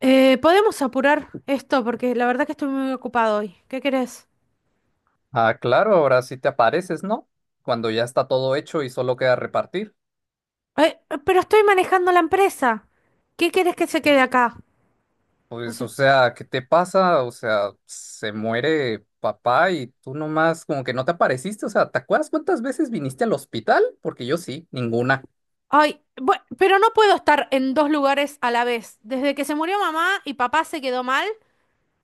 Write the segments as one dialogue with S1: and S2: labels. S1: Podemos apurar esto porque la verdad que estoy muy ocupado hoy. ¿Qué querés?
S2: Ah, claro, ahora sí te apareces, ¿no? Cuando ya está todo hecho y solo queda repartir.
S1: Pero estoy manejando la empresa. ¿Qué querés que se quede acá? No
S2: Pues,
S1: sé.
S2: o sea, ¿qué te pasa? O sea, se muere papá y tú nomás como que no te apareciste. O sea, ¿te acuerdas cuántas veces viniste al hospital? Porque yo sí, ninguna.
S1: Ay, pero no puedo estar en dos lugares a la vez. Desde que se murió mamá y papá se quedó mal,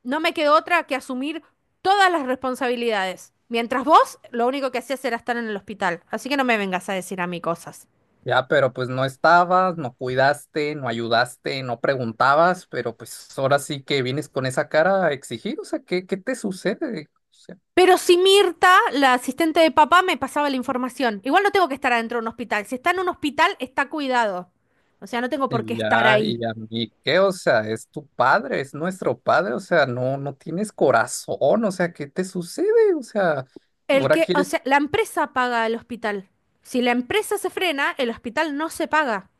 S1: no me quedó otra que asumir todas las responsabilidades. Mientras vos, lo único que hacías era estar en el hospital. Así que no me vengas a decir a mí cosas.
S2: Ya, pero pues no estabas, no cuidaste, no ayudaste, no preguntabas, pero pues ahora sí que vienes con esa cara a exigir. O sea, ¿qué te sucede? O sea,
S1: Pero si Mirta, la asistente de papá, me pasaba la información. Igual no tengo que estar adentro de un hospital. Si está en un hospital, está cuidado. O sea, no tengo por qué
S2: Y
S1: estar
S2: Ya,
S1: ahí.
S2: y a mí, ¿qué? O sea, es tu padre, es nuestro padre, o sea, no, no tienes corazón, o sea, ¿qué te sucede? O sea,
S1: El
S2: ahora
S1: que, o
S2: quieres,
S1: sea, la empresa paga el hospital. Si la empresa se frena, el hospital no se paga.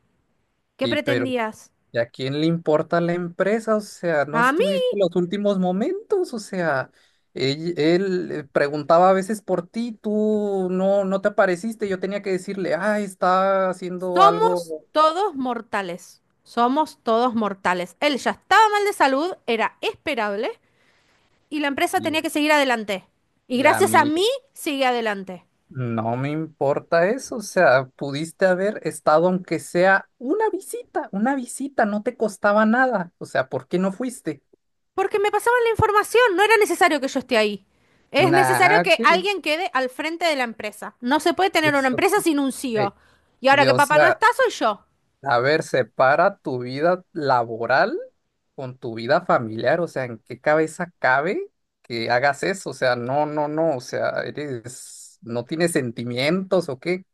S1: ¿Qué
S2: y pero
S1: pretendías?
S2: ¿y a quién le importa la empresa? O sea, no
S1: A mí
S2: estuviste en los últimos momentos, o sea, preguntaba a veces por ti, tú no, no te apareciste, yo tenía que decirle, ah, está haciendo algo,
S1: somos todos mortales. Somos todos mortales. Él ya estaba mal de salud, era esperable, y la empresa
S2: y,
S1: tenía que seguir adelante. Y
S2: y a
S1: gracias a
S2: mí.
S1: mí, sigue adelante.
S2: No me importa eso, o sea, pudiste haber estado aunque sea una visita, no te costaba nada, o sea, ¿por qué no fuiste?
S1: Porque me pasaban la información, no era necesario que yo esté ahí. Es necesario
S2: Nah,
S1: que
S2: que
S1: alguien quede al frente de la empresa. No se puede tener una
S2: eso,
S1: empresa sin un
S2: eh,
S1: CEO. Y ahora que
S2: o
S1: papá no
S2: sea,
S1: está, soy yo.
S2: a ver, separa tu vida laboral con tu vida familiar, o sea, ¿en qué cabeza cabe que hagas eso? O sea, no, no, no, o sea, eres, no tienes sentimientos o qué,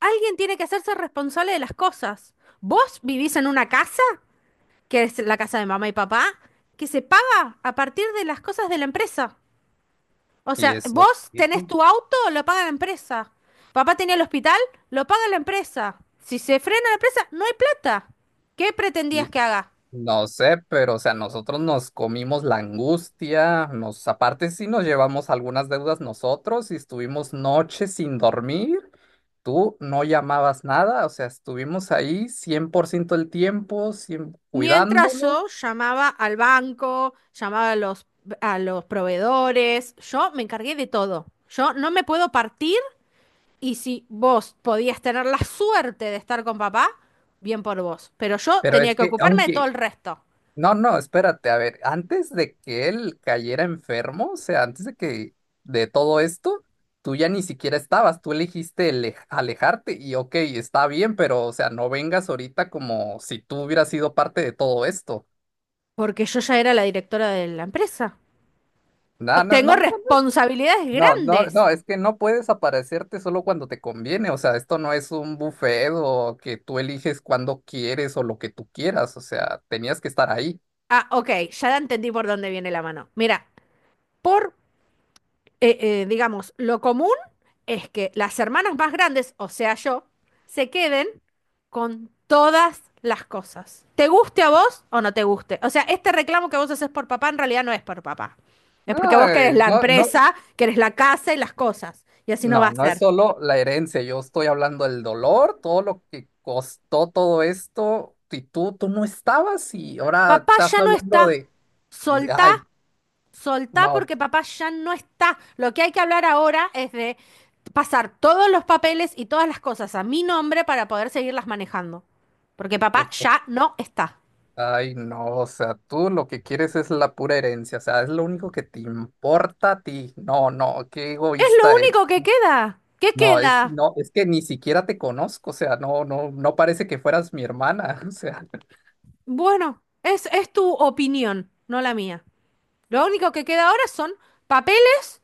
S1: Alguien tiene que hacerse responsable de las cosas. Vos vivís en una casa, que es la casa de mamá y papá, que se paga a partir de las cosas de la empresa. O
S2: y
S1: sea,
S2: eso,
S1: vos
S2: ¿qué?
S1: tenés tu auto, lo paga la empresa. Papá tenía el hospital, lo paga la empresa. Si se frena la empresa, no hay plata. ¿Qué
S2: Y
S1: pretendías que haga?
S2: no sé, pero o sea, nosotros nos comimos la angustia, nos aparte sí nos llevamos algunas deudas nosotros y estuvimos noches sin dormir. Tú no llamabas nada, o sea, estuvimos ahí 100% el tiempo, 100
S1: Mientras
S2: cuidándolo,
S1: yo llamaba al banco, llamaba a a los proveedores, yo me encargué de todo. Yo no me puedo partir y si vos podías tener la suerte de estar con papá, bien por vos. Pero yo
S2: pero
S1: tenía
S2: es
S1: que
S2: que
S1: ocuparme de todo
S2: aunque
S1: el resto,
S2: no, no, espérate, a ver, antes de que él cayera enfermo, o sea, antes de que de todo esto, tú ya ni siquiera estabas, tú elegiste alejarte y ok, está bien, pero o sea, no vengas ahorita como si tú hubieras sido parte de todo esto.
S1: porque yo ya era la directora de la empresa.
S2: No, no,
S1: Tengo
S2: no, no,
S1: responsabilidades
S2: no, no,
S1: grandes.
S2: no, es que no puedes aparecerte solo cuando te conviene, o sea, esto no es un buffet o que tú eliges cuando quieres o lo que tú quieras, o sea, tenías que estar ahí.
S1: Ah, ok, ya entendí por dónde viene la mano. Mira, por digamos, lo común es que las hermanas más grandes, o sea yo, se queden con todas las cosas. ¿Te guste a vos o no te guste? O sea, este reclamo que vos haces por papá en realidad no es por papá. Es
S2: No,
S1: porque vos querés la
S2: no, no.
S1: empresa, querés la casa y las cosas. Y así no va
S2: No,
S1: a
S2: no es
S1: ser.
S2: solo la herencia, yo estoy hablando del dolor, todo lo que costó todo esto, y tú no estabas y ahora
S1: Papá
S2: estás
S1: ya no
S2: hablando
S1: está.
S2: de,
S1: Soltá.
S2: ay,
S1: Soltá
S2: no,
S1: porque papá ya no está. Lo que hay que hablar ahora es de pasar todos los papeles y todas las cosas a mi nombre para poder seguirlas manejando. Porque
S2: tú-
S1: papá
S2: tú-
S1: ya no está.
S2: ay, no, o sea, tú lo que quieres es la pura herencia, o sea, es lo único que te importa a ti, no, no, qué
S1: Es lo
S2: egoísta eres.
S1: único que queda. ¿Qué
S2: No, es,
S1: queda?
S2: no, es que ni siquiera te conozco, o sea, no, no, no parece que fueras mi hermana, o sea.
S1: Bueno, es tu opinión, no la mía. Lo único que queda ahora son papeles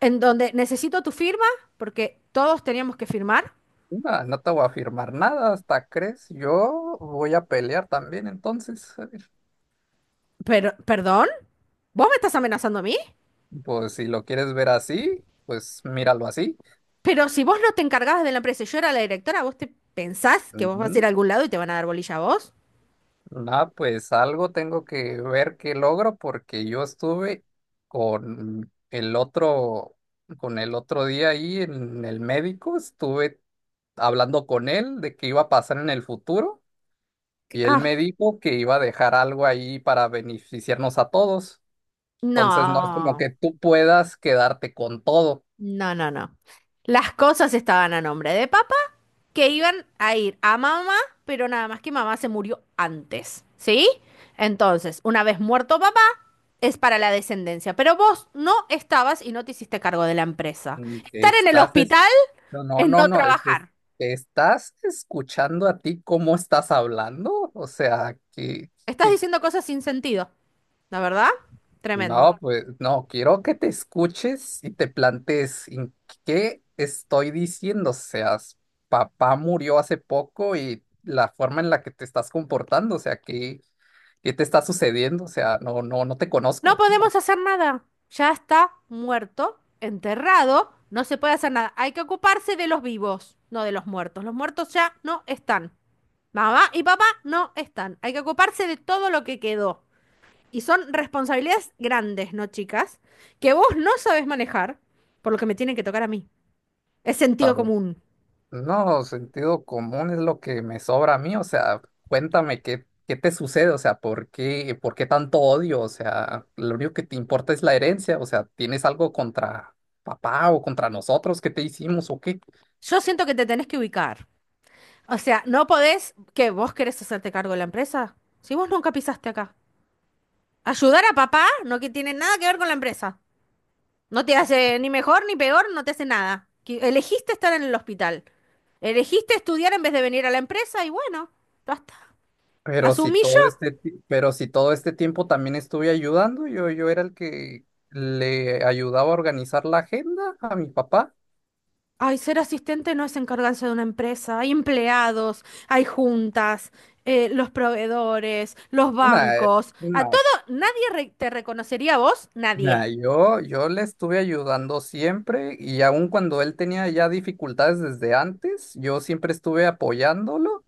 S1: en donde necesito tu firma, porque todos teníamos que firmar.
S2: No, no te voy a firmar nada, hasta crees. Yo voy a pelear también, entonces.
S1: Pero ¿perdón? ¿Vos me estás amenazando a mí?
S2: Pues si lo quieres ver así, pues míralo así.
S1: Pero si vos no te encargabas de la empresa y yo era la directora, ¿vos te pensás que vos
S2: Ujú.
S1: vas a ir a algún lado y te van a dar bolilla a vos?
S2: Nah, pues algo tengo que ver qué logro porque yo estuve con el otro, con el otro día ahí en el médico, estuve hablando con él de qué iba a pasar en el futuro y él
S1: Ah,
S2: me dijo que iba a dejar algo ahí para beneficiarnos a todos. Entonces no es como
S1: no,
S2: que tú puedas quedarte con todo.
S1: no, no, no. Las cosas estaban a nombre de papá, que iban a ir a mamá, pero nada más que mamá se murió antes, ¿sí? Entonces, una vez muerto papá, es para la descendencia, pero vos no estabas y no te hiciste cargo de la empresa.
S2: Mm.
S1: Estar en el
S2: Estás, es-
S1: hospital
S2: no, no,
S1: es
S2: no,
S1: no
S2: no,
S1: trabajar.
S2: te estás escuchando a ti cómo estás hablando, o sea,
S1: Estás
S2: que-
S1: diciendo cosas sin sentido, la verdad. Tremendo.
S2: no, pues, no, quiero que te escuches y te plantees en qué estoy diciendo, o sea, papá murió hace poco y la forma en la que te estás comportando, o sea, qué, te está sucediendo, o sea, no, no, no te
S1: No
S2: conozco,
S1: podemos hacer nada. Ya está muerto, enterrado, no se puede hacer nada. Hay que ocuparse de los vivos, no de los muertos. Los muertos ya no están. Mamá y papá no están. Hay que ocuparse de todo lo que quedó. Y son responsabilidades grandes, ¿no, chicas? Que vos no sabés manejar, por lo que me tienen que tocar a mí. Es sentido
S2: no.
S1: común.
S2: No, sentido común es lo que me sobra a mí, o sea, cuéntame qué te sucede, o sea, ¿por qué, tanto odio? O sea, lo único que te importa es la herencia, o sea, ¿tienes algo contra papá o contra nosotros que te hicimos o qué?
S1: Yo siento que te tenés que ubicar. O sea, no podés que vos querés hacerte cargo de la empresa. Si vos nunca pisaste acá. Ayudar a papá no que tiene nada que ver con la empresa. No te hace ni mejor ni peor, no te hace nada. Elegiste estar en el hospital. Elegiste estudiar en vez de venir a la empresa y bueno, basta.
S2: Pero si
S1: Asumí yo.
S2: pero si todo este tiempo también estuve ayudando, yo era el que le ayudaba a organizar la agenda a mi papá.
S1: Ay, ser asistente no es encargarse de una empresa. Hay empleados, hay juntas, los proveedores, los
S2: Nah,
S1: bancos. A
S2: no.
S1: todo, nadie re- te reconocería a vos, nadie.
S2: Nah, yo le estuve ayudando siempre y aun cuando él tenía ya dificultades desde antes, yo siempre estuve apoyándolo.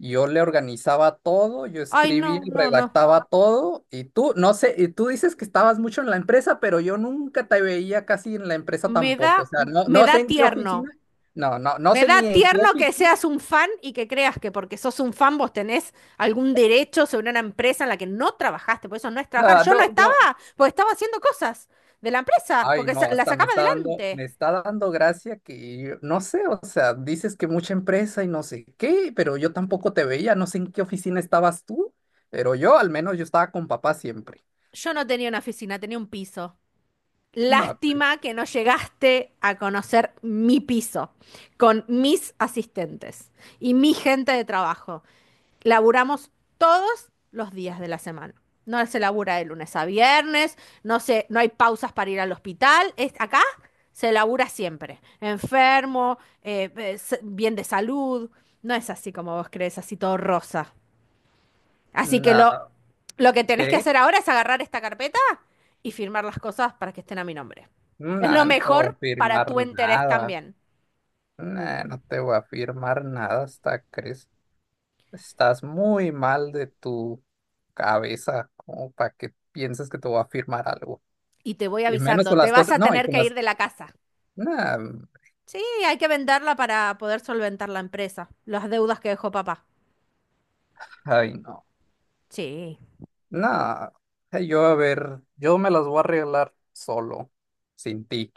S2: Yo le organizaba todo, yo
S1: Ay,
S2: escribía,
S1: no,
S2: y
S1: no, no.
S2: redactaba todo y tú, no sé, y tú dices que estabas mucho en la empresa, pero yo nunca te veía casi en la empresa
S1: Me da,
S2: tampoco. O sea, no,
S1: me
S2: no
S1: da
S2: sé en qué
S1: tierno.
S2: oficina, no, no, no
S1: Me
S2: sé
S1: da
S2: ni en qué
S1: tierno que
S2: oficina,
S1: seas un fan y que creas que porque sos un fan vos tenés algún derecho sobre una empresa en la que no trabajaste, por eso no es trabajar.
S2: no,
S1: Yo no estaba,
S2: no.
S1: porque estaba haciendo cosas de la empresa,
S2: Ay,
S1: porque
S2: no,
S1: la
S2: hasta
S1: sacaba
S2: me
S1: adelante.
S2: está dando gracia que no sé, o sea, dices que mucha empresa y no sé qué, pero yo tampoco te veía, no sé en qué oficina estabas tú, pero yo al menos yo estaba con papá siempre.
S1: Yo no tenía una oficina, tenía un piso.
S2: No, pues,
S1: Lástima que no llegaste a conocer mi piso con mis asistentes y mi gente de trabajo. Laburamos todos los días de la semana. No se labura de lunes a viernes, no hay pausas para ir al hospital. Es, acá se labura siempre. Enfermo, bien de salud. No es así como vos crees, así todo rosa. Así que
S2: no,
S1: lo que tenés que
S2: ¿qué?
S1: hacer ahora es agarrar esta carpeta y firmar las cosas para que estén a mi nombre.
S2: No,
S1: Es lo
S2: no te voy a
S1: mejor para
S2: firmar
S1: tu interés
S2: nada.
S1: también.
S2: No, no te voy a firmar nada hasta crees. Estás muy mal de tu cabeza, como para que pienses que te voy a firmar algo.
S1: Y te voy
S2: Y menos
S1: avisando,
S2: con
S1: te
S2: las
S1: vas
S2: cosas,
S1: a
S2: no, y
S1: tener
S2: con
S1: que ir de la casa.
S2: no,
S1: Sí, hay que venderla para poder solventar la empresa, las deudas que dejó papá.
S2: ay, no.
S1: Sí,
S2: Nah, yo a ver, yo me las voy a arreglar solo, sin ti.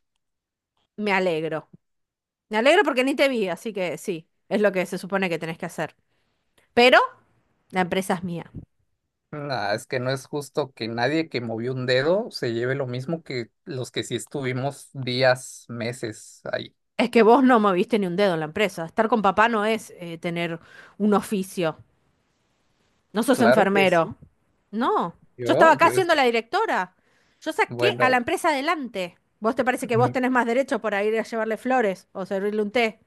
S1: me alegro. Me alegro porque ni te vi, así que sí, es lo que se supone que tenés que hacer. Pero la empresa es mía.
S2: Nah, es que no es justo que nadie que movió un dedo se lleve lo mismo que los que sí estuvimos días, meses ahí.
S1: Es que vos no moviste ni un dedo en la empresa. Estar con papá no es tener un oficio. No sos
S2: Claro que
S1: enfermero.
S2: sí.
S1: No, yo estaba
S2: Yo,
S1: acá
S2: yo es,
S1: siendo la directora. Yo saqué a la
S2: bueno,
S1: empresa adelante. ¿Vos te parece que vos
S2: mm,
S1: tenés más derecho por ir a llevarle flores o servirle un té?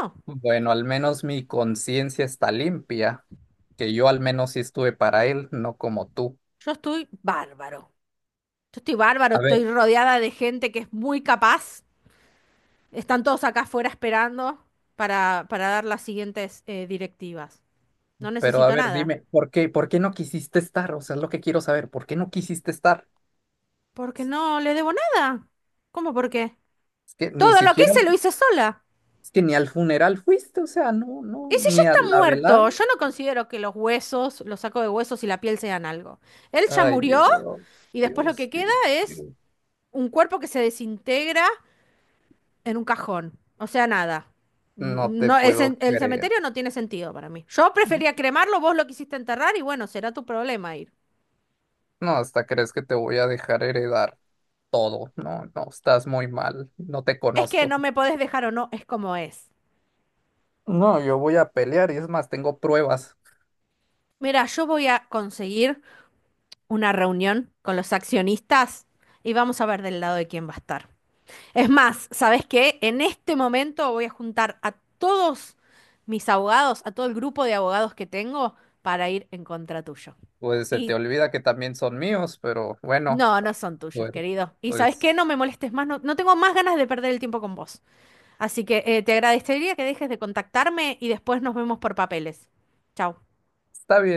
S1: No,
S2: bueno, al menos mi conciencia está limpia, que yo al menos sí estuve para él, no como tú.
S1: yo estoy bárbaro. Yo estoy bárbaro,
S2: A
S1: estoy
S2: ver,
S1: rodeada de gente que es muy capaz. Están todos acá afuera esperando para dar las siguientes directivas. No
S2: pero a
S1: necesito
S2: ver,
S1: nada.
S2: dime, ¿por qué, no quisiste estar? O sea, es lo que quiero saber, ¿por qué no quisiste estar?
S1: Porque no le debo nada. ¿Cómo por qué?
S2: Es que ni
S1: Todo lo que
S2: siquiera
S1: hice lo hice sola.
S2: Es que ni al funeral fuiste, o sea, no, no,
S1: Y si ya
S2: ni a
S1: está
S2: la velada.
S1: muerto, yo no considero que los huesos, los sacos de huesos y la piel sean algo. Él ya
S2: Ay,
S1: murió
S2: Dios,
S1: y después lo que
S2: Dios,
S1: queda
S2: Dios,
S1: es
S2: Dios.
S1: un cuerpo que se desintegra en un cajón. O sea, nada.
S2: No
S1: Mm,
S2: te
S1: no,
S2: puedo
S1: el
S2: creer.
S1: cementerio no tiene sentido para mí. Yo prefería cremarlo, vos lo quisiste enterrar y bueno, será tu problema ir.
S2: No, hasta crees que te voy a dejar heredar todo. No, no, estás muy mal. No te
S1: Es que
S2: conozco.
S1: no me podés dejar o no, es como es.
S2: No, yo voy a pelear y es más, tengo pruebas.
S1: Mira, yo voy a conseguir una reunión con los accionistas y vamos a ver del lado de quién va a estar. Es más, ¿sabés qué? En este momento voy a juntar a todos mis abogados, a todo el grupo de abogados que tengo para ir en contra tuyo.
S2: Pues se te
S1: Y
S2: olvida que también son míos, pero bueno,
S1: no, no son tuyos,
S2: bueno,
S1: querido. Y ¿sabes qué?
S2: pues
S1: No me molestes más, no, no tengo más ganas de perder el tiempo con vos. Así que te agradecería que dejes de contactarme y después nos vemos por papeles. Chau.
S2: está bien.